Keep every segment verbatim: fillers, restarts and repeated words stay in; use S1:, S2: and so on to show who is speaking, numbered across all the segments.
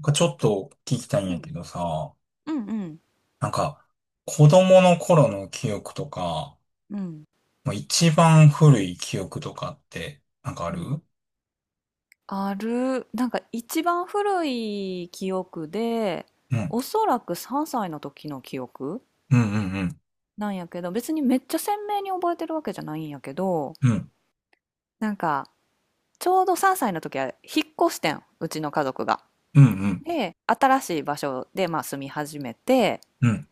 S1: なんかちょっと聞きたいん
S2: う
S1: や
S2: ん、
S1: けどさ、
S2: うん、うん、
S1: なんか子供の頃の記憶とか、
S2: うん、
S1: もう一番古い記憶とかってなんかあ
S2: う
S1: る？う
S2: ん。
S1: ん。
S2: ある、なんか一番古い記憶で、
S1: うん
S2: おそらくさんさいの時の記憶
S1: うんうん。
S2: なんやけど、別にめっちゃ鮮明に覚えてるわけじゃないんやけど、
S1: うん。
S2: なんか、ちょうどさんさいの時は引っ越してん、うちの家族が。
S1: うんうん
S2: で、新しい場所で、まあ、住み始めて、
S1: うん。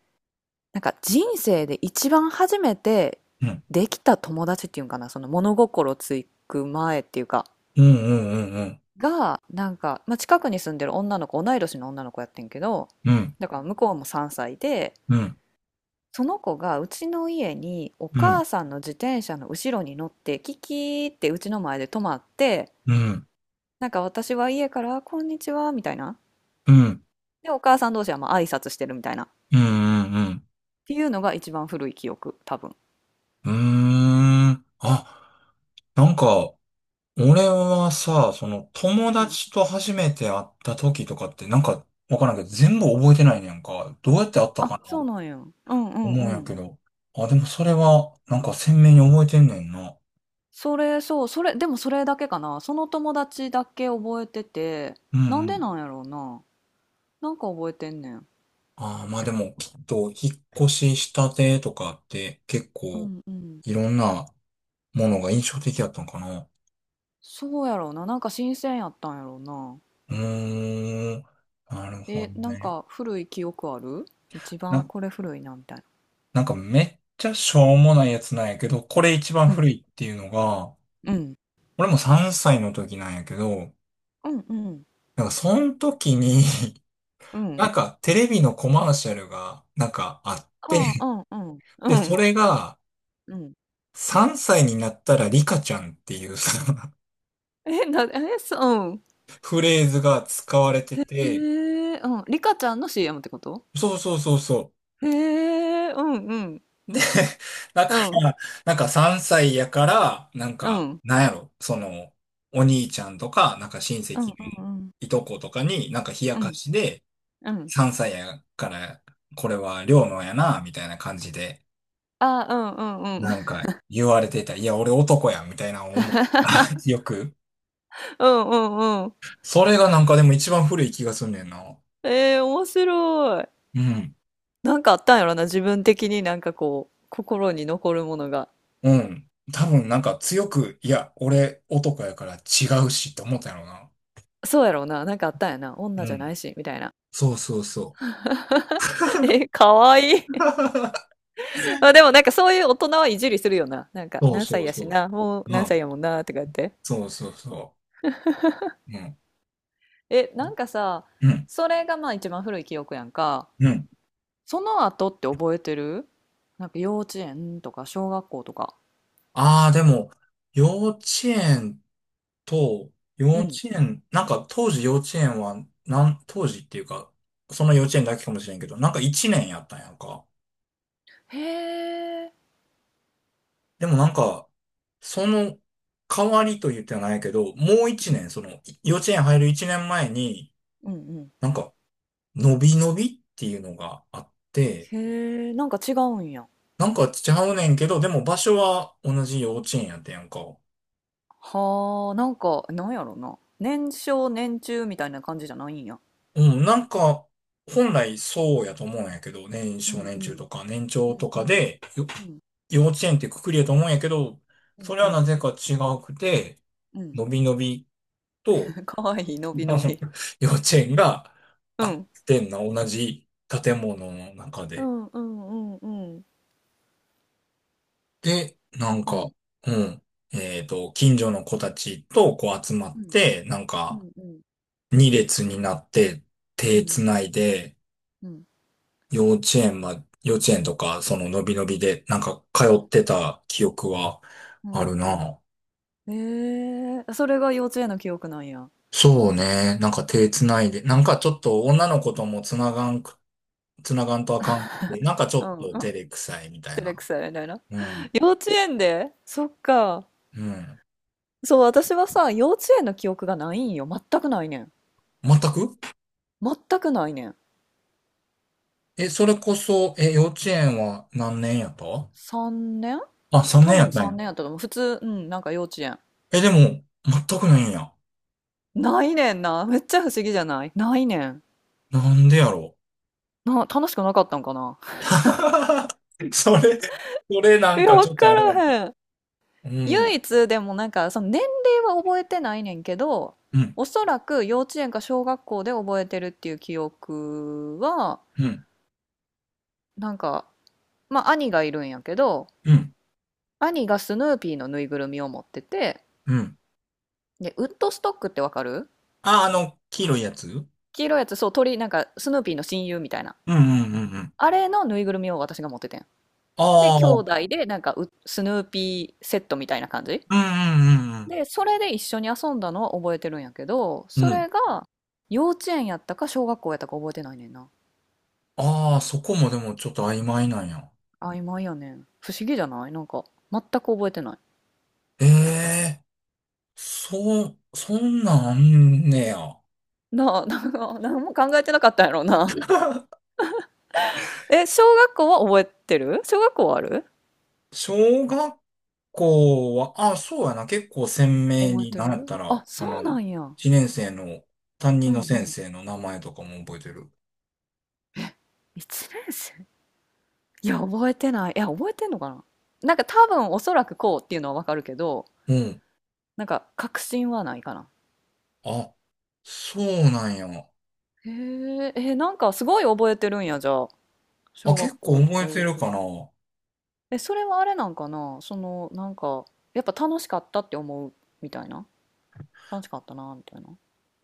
S2: なんか人生で一番初めて
S1: うん。
S2: できた友達っていうんかな、その物心つく前っていうか、
S1: うんうんうん
S2: が、なんか、まあ、近くに住んでる女の子、同い年の女の子やってんけど、
S1: うん。うん。
S2: だから向こうもさんさいで、
S1: うん。
S2: その子がうちの家にお
S1: うん。
S2: 母さんの自転車の後ろに乗って、キキーってうちの前で止まって、
S1: うん。
S2: なんか私は家から、こんにちは、みたいな。
S1: うん。
S2: で、お母さん同士はまあ挨拶してるみたいな。っ
S1: うんうん。
S2: ていうのが一番古い記憶、多分。
S1: うーん。あ、なんか俺はさ、その友
S2: うん。
S1: 達と初めて会った時とかってなんかわからんけど全部覚えてないねんか。どうやって会った
S2: あ、
S1: かな
S2: そうなんや。うんうん
S1: 思
S2: う
S1: うんや
S2: ん。
S1: けど。あ、でもそれは、なんか鮮明に覚えてんねんな。
S2: それ、そう、それ、でもそれだけかな。その友達だけ覚えてて、
S1: うん
S2: なん
S1: う
S2: で
S1: ん。
S2: なんやろうな。なんか覚えてんねん。
S1: ああ、まあでも、きっと、引っ越ししたてとかって、結
S2: う
S1: 構、
S2: んうん。
S1: いろんなものが印象的やったんかな。
S2: そうやろうな。なんか新鮮やったんやろうな。
S1: うーん。なるほど
S2: え、なん
S1: ね。
S2: か古い記憶ある？一番
S1: な、
S2: これ古いなみたいな。
S1: なんかめっちゃしょうもないやつなんやけど、これ一番
S2: う
S1: 古
S2: ん。
S1: いっていうのが、
S2: うん。
S1: 俺もさんさいの時なんやけど、
S2: うんうん。
S1: なんかその時に
S2: う
S1: な
S2: ん。
S1: んかテレビのコマーシャルが、なんかあっ
S2: あ
S1: て、
S2: あ、うんうん。
S1: で、
S2: うん。
S1: それが、
S2: うん。
S1: さんさいになったらリカちゃんっていうその
S2: え、な、え、そう。
S1: フレーズが使われて
S2: う
S1: て、
S2: ん。へえ、うん。リカちゃんの シーエム ってこと？
S1: そうそうそうそ
S2: へえ、うんうん。
S1: う。で、だか
S2: うん。
S1: ら、なんかさんさいやから、なん
S2: う
S1: か、
S2: ん。
S1: なんやろ、その、お兄ちゃんとか、なんか親
S2: うん
S1: 戚
S2: う
S1: の
S2: んうん。
S1: いとことかに、なんか冷や
S2: う
S1: か
S2: ん。
S1: しで、
S2: うん。
S1: さんさいやから、これは両のやな、みたいな感じで、
S2: ああ、うんうんうん
S1: なん か言われてた。いや、俺男や、みたいな思う。よく。
S2: うんうんうん。
S1: それがなんかでも一番古い気がすんねんな。
S2: えー、面白い。
S1: うん。
S2: なんかあったんやろな、自分的になんかこう、心に残るものが。
S1: うん。多分なんか強く、いや、俺男やから違うしって思ったんやろな。
S2: そうやろうな、なんかあったんやな、女
S1: う
S2: じゃな
S1: ん。
S2: いし、みたいな。
S1: そうそうそ
S2: え、かわいい。まあでもなんかそういう大人はいじりするよな。なんか
S1: う。そう
S2: 何
S1: そ
S2: 歳
S1: う
S2: や
S1: そ
S2: しな、もう
S1: う。う
S2: 何歳
S1: ん。
S2: やもんな、とか言って。
S1: そうそうそう。うん。
S2: え、なんかさ、
S1: うん。
S2: それがまあ一番古い記憶やんか。
S1: うん。
S2: その後って覚えてる？なんか幼稚園とか小学校とか。
S1: ああ、でも、幼稚園と、幼
S2: う
S1: 稚
S2: ん。
S1: 園、なんか当時幼稚園は、なん、当時っていうか、その幼稚園だけかもしれんけど、なんかいちねんやったんやんか。
S2: へえ。
S1: でもなんか、その代わりと言ってはないけど、もう1
S2: うん。
S1: 年、その幼稚園入るいちねんまえに、
S2: うんうん。
S1: なんか、伸び伸びっていうのがあって、
S2: へえ、なんか違うんや。
S1: なんかちゃうねんけど、でも場所は同じ幼稚園やってんやんか。
S2: はあ、なんか、なんやろな。年少年中みたいな感じじゃないんや。
S1: うん、なんか、本来そうやと思うんやけど、年
S2: う
S1: 少
S2: ん
S1: 年
S2: うん
S1: 中とか年
S2: う
S1: 長
S2: ん
S1: と
S2: う
S1: か
S2: ん
S1: で、よ
S2: うん
S1: 幼稚園ってくくりやと思うんやけど、
S2: うん
S1: それ
S2: う
S1: はな
S2: ん
S1: ぜか違くて、
S2: うん。
S1: 伸び伸びと、
S2: かわいい、のび
S1: あ
S2: の
S1: の
S2: び。
S1: 幼稚園が
S2: う
S1: あ
S2: ん。
S1: ってんな、同じ建物の中
S2: う
S1: で。
S2: んうんうんうん
S1: で、なん
S2: うんう
S1: か、
S2: ん
S1: うん。えっと、近所の子たちとこう集まっ
S2: うん
S1: て、なん
S2: う
S1: か、
S2: んうん
S1: 二列になって、
S2: うんう
S1: 手つ
S2: ん
S1: ないで、幼稚園ま、幼稚園とか、その、のびのびで、なんか、通ってた記憶は
S2: う
S1: あ
S2: ん
S1: る
S2: うん。
S1: な。
S2: えー、それが幼稚園の記憶なんや。
S1: そうね。なんか手つないで、なんかちょっと女の子ともつながんく、つながんとあかんくて、なんかち
S2: う
S1: ょっ
S2: ん
S1: と
S2: う
S1: 照
S2: ん。
S1: れくさいみたい
S2: 照
S1: な。
S2: れくさいみたいな。
S1: うん。
S2: 幼稚園でそっか。
S1: うん。
S2: そう、私はさ、幼稚園の記憶がないんよ。全くないねん。
S1: 全く？
S2: 全くないねん。
S1: え、それこそ、え、幼稚園は何年やった？
S2: さんねん。
S1: あ、3
S2: 多
S1: 年やっ
S2: 分
S1: たん
S2: 3
S1: や。
S2: 年やったと思う。普通、うん、なんか幼稚園。
S1: え、でも、全くないんや。
S2: ないねんな。めっちゃ不思議じゃない？ないねん。
S1: なんでやろ
S2: な、楽しくなかったんかな。
S1: う。それ、それ、な
S2: い
S1: ん
S2: や、
S1: か
S2: わ
S1: ちょっと
S2: か
S1: あれやな。
S2: らへん。
S1: う
S2: 唯
S1: ん。
S2: 一でもなんか、その年齢は覚えてないねんけど、
S1: うん。
S2: おそらく幼稚園か小学校で覚えてるっていう記憶は、
S1: うん。
S2: なんか、まあ兄がいるんやけど、
S1: うん。
S2: 兄がスヌーピーのぬいぐるみを持ってて、
S1: うん。
S2: で、ウッドストックってわかる？
S1: あ、あの、黄色いやつ？う
S2: 黄色いやつ、そう、鳥、なんか、スヌーピーの親友みたいな。
S1: んうんうんうん。
S2: あれのぬいぐるみを私が持っててん。で、
S1: あ
S2: 兄
S1: あ、うん
S2: 弟で、なんかう、スヌーピーセットみたいな感じ
S1: うんうん
S2: で、それで一緒に遊んだのは覚えてるんやけど、
S1: うん。
S2: そ
S1: うん。
S2: れが、幼稚園やったか小学校やったか覚えてないねんな。
S1: ああ、そこもでもちょっと曖昧なんや。
S2: 曖昧やねん。不思議じゃない？なんか、全く覚えてない。
S1: ええ、そう、そんなんあんねや。
S2: なあ、なんか、何も考えてなかったんやろうな。え、小学校は覚えてる？小学校はある？
S1: 小学校は、あ、そうやな、結構鮮明
S2: 覚え
S1: に、
S2: て
S1: なんやっ
S2: る？
S1: た
S2: あ、
S1: ら、あ
S2: そうな
S1: の、
S2: んや。
S1: 一年生の担
S2: う
S1: 任の
S2: んう
S1: 先
S2: ん。
S1: 生の名前とかも覚えてる。
S2: いちねん生？いや、覚えてない。いや、覚えてんのかな？なんか多分おそらくこうっていうのはわかるけど、
S1: うん。
S2: なんか確信はないかな。
S1: あ、そうなんや。
S2: へえ、え、なんかすごい覚えてるんや、じゃあ。
S1: あ、
S2: 小
S1: 結
S2: 学
S1: 構
S2: 校と
S1: 覚え
S2: か幼
S1: て
S2: 稚
S1: る
S2: 園
S1: か
S2: と
S1: な。
S2: か。え、それはあれなんかな？その、なんか、やっぱ楽しかったって思うみたいな。楽しかったな、みたいな。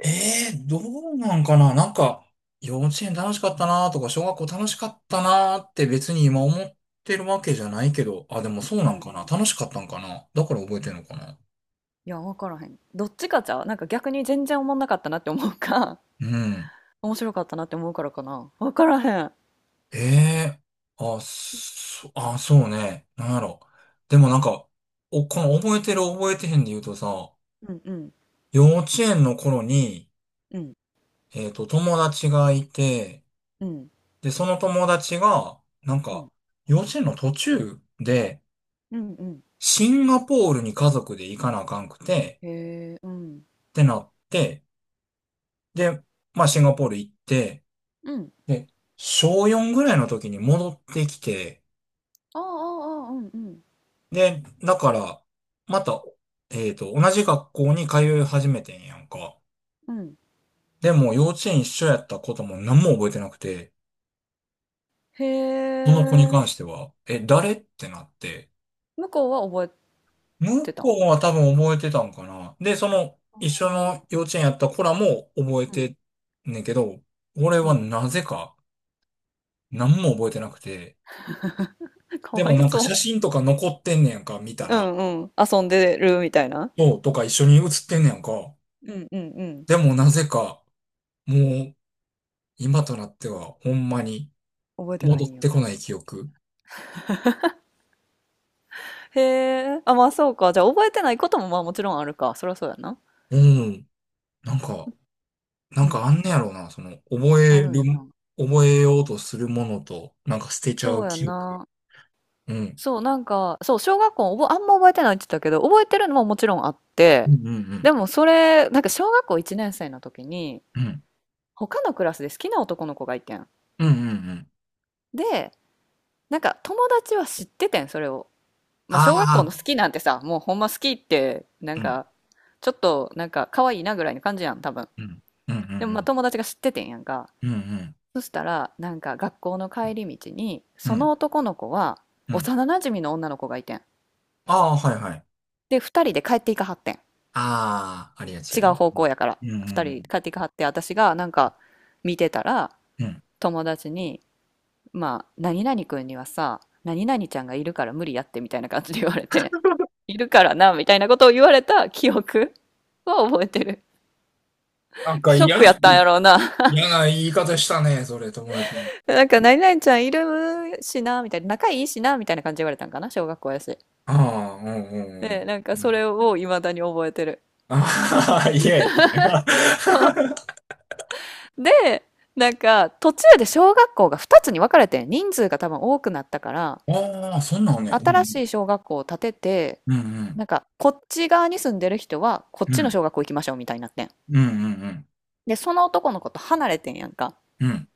S1: ええー、どうなんかな、なんか、幼稚園楽しかったなとか、小学校楽しかったなって別に今思ってるわけじゃないけど、あ、でもそう
S2: う
S1: な
S2: んう
S1: んかな、
S2: ん。
S1: 楽しかったんかな、だから覚えてるのかな。
S2: いや、わからへん。どっちかじゃう？なんか逆に全然思んなかったなって思うか、
S1: うん。
S2: 面白かったなって思うからかな。わからへん。
S1: ええ、あ、そ、あ、そうね。なんやろ。でもなんか、お、この覚えてる覚えてへんで言うとさ、
S2: うんうん
S1: 幼稚園の頃に、
S2: うん
S1: えっと、友達がいて、
S2: うん
S1: で、その友達が、なん
S2: う
S1: か、
S2: ん
S1: 幼稚園の途中で、
S2: うんうん。
S1: シンガポールに家族で行かなあかんくて、
S2: へえ、うん。
S1: ってなって、で、まあ、シンガポール行って、
S2: うん。
S1: で、小よんぐらいの時に戻ってきて、
S2: ああ、ああ、ああうんうん。
S1: で、だから、また、えっと、同じ学校に通い始めてんやんか。
S2: うん。
S1: でも、幼稚園一緒やったことも何も覚えてなくて、
S2: へ
S1: その子に
S2: え、
S1: 関しては、え、誰ってなって、
S2: 向こうは覚え
S1: 向
S2: てたん？
S1: こうは多分覚えてたんかな。で、その、
S2: あ
S1: 一緒
S2: あ、う
S1: の幼稚園やった子らも覚えて
S2: ん
S1: んねんけど、俺
S2: う
S1: は
S2: ん。
S1: なぜか何も覚えてなくて、
S2: か
S1: で
S2: わ
S1: も
S2: い
S1: なんか
S2: そ
S1: 写真とか残ってんねやんか、見た
S2: う。う
S1: ら。
S2: んうん。遊んでるみたいな。
S1: そう、とか一緒に写ってんねやんか。
S2: うんうんうん。
S1: でもなぜか、もう、今となっては、ほんまに
S2: 覚えてない
S1: 戻っ
S2: んや。
S1: てこない記憶。
S2: へえ。あ、まあそうか。じゃあ覚えてないこともまあもちろんあるか。そりゃそうやな。
S1: うん。なんか、なん
S2: う
S1: か
S2: ん。
S1: あんねやろうな。その、覚
S2: あ
S1: え
S2: るんや
S1: る、
S2: な。
S1: 覚えようとするものと、なんか捨てちゃ
S2: そ
S1: う
S2: うや
S1: 記憶。
S2: な。
S1: うん。
S2: そう、なんか、そう、小学校おぼあんま覚えてないって言ったけど、覚えてるのももちろんあっ
S1: う
S2: て、
S1: んうんう
S2: で
S1: ん。
S2: もそれ、なんか小学校いちねん生の時に、
S1: うん。
S2: 他のクラスで好きな男の子がいてん。
S1: うんうんうん。
S2: で、なんか友達は知っててん、それを。まあ、小学校の
S1: あ
S2: 好きなんてさ、もうほんま好きって、なん
S1: あ。うん。
S2: か、ちょっと、なんか、可愛いなぐらいの感じやん、多分。
S1: うん。うんう
S2: でも、まあ、
S1: ん
S2: 友達が知っててんやんか。
S1: うん。うん
S2: そしたら、なんか、学校の帰り道に、
S1: う
S2: その
S1: ん。
S2: 男の子は、
S1: うん。
S2: 幼馴染の女の子がいてん。
S1: ああ、はいはい。
S2: で、二人で帰っていかはってん。
S1: ああ、ありがち
S2: 違
S1: や
S2: う
S1: ね。
S2: 方向やから。
S1: うんうんう
S2: 二
S1: んう
S2: 人帰っていかはって、私が、なんか、見てたら、
S1: ん。
S2: 友達に、まあ、何々くんにはさ、何々ちゃんがいるから無理やってみたいな感じで言われて、いるからな、みたいなことを言われた記憶 は覚えてる。
S1: なんか
S2: ショッ
S1: 嫌、
S2: クやったんやろうな。
S1: 嫌な言い方したね、それ、友達に。
S2: なんか、何々ちゃんいるしな、みたいな、仲いいしな、みたいな感じで言われたんかな、小学校やし。
S1: ああ、うんうん
S2: で、なんか、
S1: う
S2: それ
S1: ん。
S2: を未だに覚えてる。
S1: ああ、嫌やったんや。
S2: そう。で、なんか、途中で小学校がふたつに分かれてん、人数が多分多くなったから、
S1: ああ、そんなんね。
S2: 新しい小学校を建てて、
S1: うんうん。
S2: なんか、こっち側に住んでる人は、こっ
S1: う
S2: ちの
S1: ん
S2: 小学校行きましょうみたいになってん。
S1: うん。うんうんうん。
S2: で、その男の子と離れてんやんか。
S1: うん。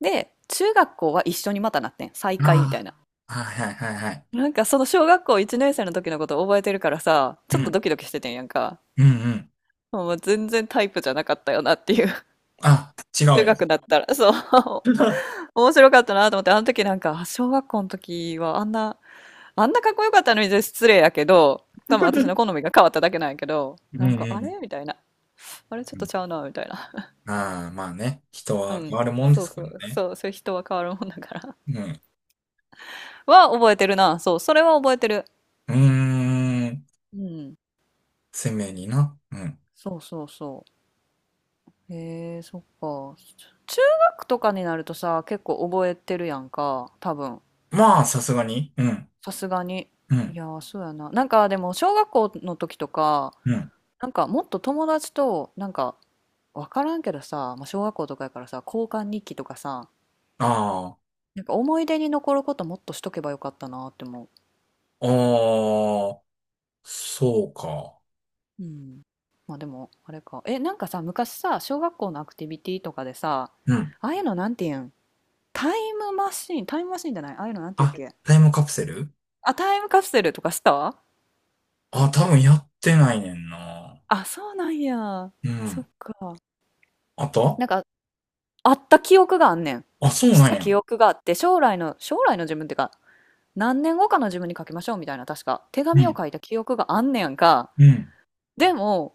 S2: で、中学校は一緒にまたなってん。再会みたい
S1: あ
S2: な。
S1: あ。はいはいはいはい。
S2: なんかその小学校いちねん生の時のこと覚えてるからさ、
S1: う
S2: ちょっと
S1: ん。
S2: ドキドキしててんやんか。
S1: うんうん。
S2: もう全然タイプじゃなかったよなっていう。
S1: あ、違うん
S2: 中
S1: や。
S2: 学だったら、そう。面白かったなと思って、あの時なんか、あ小学校の時はあんな、あんなかっこよかったのに失礼やけど、多分私の好みが変わっただけなんやけど、
S1: うん
S2: なんか、
S1: う
S2: あ
S1: ん
S2: れみたいな。あれちょ
S1: う
S2: っと
S1: ん。
S2: ちゃうなみたいな。
S1: ああ、まあね。人
S2: う
S1: は
S2: ん。
S1: 変わるもんで
S2: そう
S1: すけ
S2: そ
S1: ど
S2: う、
S1: ね。
S2: そう、そういう人は変わるもんだから。
S1: うん。
S2: は覚えてるな。そう、それは覚えてる。
S1: うーん。
S2: うん。
S1: 鮮明にな。うん。
S2: そうそうそう。へえ、そっか。中学とかになるとさ、結構覚えてるやんか、多分。
S1: まあ、さすがに。うん。
S2: さすがに。
S1: う
S2: い
S1: ん。
S2: やー、そうやな。なんかでも、小学校の時とか、
S1: うん。
S2: なんかもっと友達と、なんか、わからんけどさ、まあ、小学校とかやからさ、交換日記とかさ、
S1: ああ。
S2: なんか思い出に残ることもっとしとけばよかったなって思
S1: ああ、そうか。
S2: う。うん。まあでも、あれか。え、なんかさ、昔さ、小学校のアクティビティとかでさ、
S1: うん。
S2: ああいうのなんていうん？タイムマシーン、タイムマシーンじゃない、ああいうのなんていうっ
S1: あ、
S2: け？
S1: タイムカプセル？
S2: あ、タイムカプセルとかした？
S1: あ、多分やってないねんな。
S2: あ、そうなんや。
S1: う
S2: そ
S1: ん。
S2: っか。
S1: あった？
S2: なんか、あった記憶があんねん。
S1: あ、そう
S2: し
S1: なん
S2: た
S1: や。
S2: 記憶があって、将来の、将来の自分っていうか、何年後かの自分に書きましょうみたいな、確か、手
S1: う
S2: 紙を
S1: ん。
S2: 書いた記憶があんねやんか。
S1: うん。
S2: でも、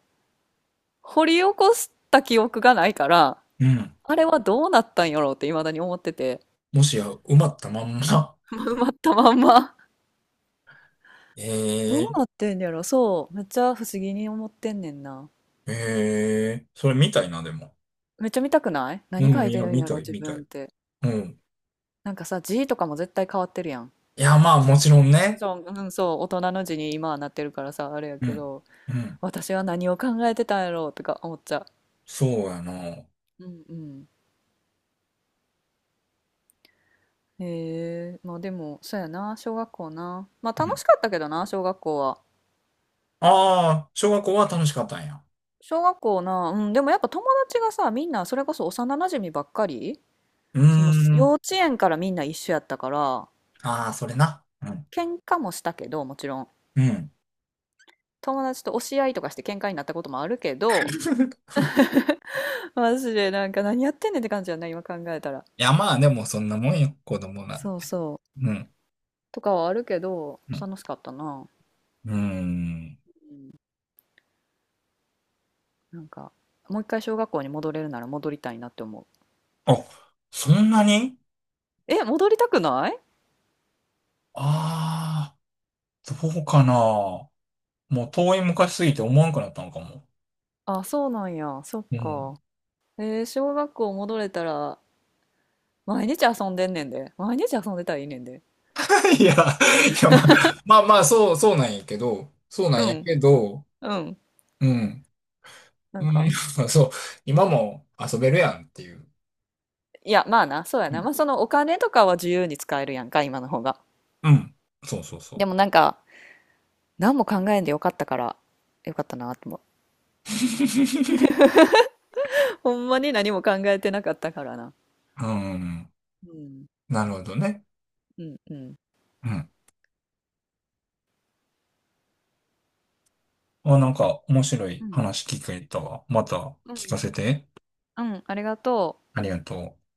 S2: 掘り起こした記憶がないから、
S1: うん。
S2: あれはどうなったんやろうって未だに思ってて、
S1: もしや、埋まったまんま。
S2: 埋まったまんま。
S1: え
S2: どう
S1: え、
S2: なってんやろ？そう。めっちゃ不思議に思ってんねんな。
S1: ええ、それ見たいな、でも。
S2: めっちゃ見たくない？
S1: う
S2: 何書
S1: ん、
S2: い
S1: い
S2: て
S1: や、
S2: るん
S1: 見
S2: やろ
S1: たい、
S2: 自
S1: 見た
S2: 分っ
S1: い。
S2: て。
S1: うん。
S2: なんかさ、字とかも絶対変わってるやん。
S1: いや、まあ、もちろんね。
S2: そう、うん、そう、大人の字に今はなってるからさ、あれや
S1: う
S2: け
S1: ん。
S2: ど、
S1: うん。
S2: 私は何を考えてたんやろうとか思っちゃ
S1: そうやな。
S2: う。うんうん。へえ、まあでも、そうやな、小学校な。まあ
S1: う
S2: 楽
S1: ん。
S2: しかったけどな、小学校は。
S1: ああ、小学校は楽しかったんや。
S2: 小学校な、うん、でもやっぱ友達がさ、みんなそれこそ幼なじみばっかり、
S1: うー
S2: その
S1: ん。
S2: 幼稚園からみんな一緒やったから、
S1: ああ、それな。うん。
S2: 喧嘩もしたけど、もちろん。
S1: うん。
S2: 友達と押し合いとかして喧嘩になったこともあるけど、マジでなんか何やってんねんって感じやな、今考えたら。
S1: いや、まあ、でもそんなもんよ、子供なん
S2: そう
S1: て。
S2: そう。
S1: うん。
S2: とかはあるけど、
S1: うん。
S2: 楽しかったな。
S1: うーん。
S2: うん、なんか、もう一回小学校に戻れるなら戻りたいなって思う。
S1: あ、そんなに？
S2: え、戻りたくない？
S1: ああ、どうかな。もう遠い昔すぎて思わんくなったのかも。
S2: あ、そうなんや。そっ
S1: う
S2: か。
S1: ん。
S2: えー、小学校戻れたら、毎日遊んでんねんで。毎日遊んでたらいいねんで。
S1: いや、いや、まあ、まあ、まあ、そう、そうなんやけど、そうな
S2: う
S1: んや
S2: ん、
S1: けど、
S2: うん。
S1: うん。
S2: なん
S1: う
S2: か、
S1: ん、そう、今も遊べるやんっていう。
S2: いや、まあな、そうや
S1: う
S2: な。
S1: ん。
S2: まあそのお金とかは自由に使えるやんか、今の方が。
S1: うん、そうそうそ
S2: で
S1: う。
S2: もなんか、何も考えんでよかったから、よかったなって思う。ほんまに何も考えてなかったからな。
S1: うん。
S2: うん、
S1: なるほどね。
S2: うん、うん。
S1: うん。あ、なんか面白い
S2: うん、
S1: 話聞けたわ。また
S2: う
S1: 聞か
S2: ん。
S1: せて。
S2: うん、ありがとう。
S1: ありがとう。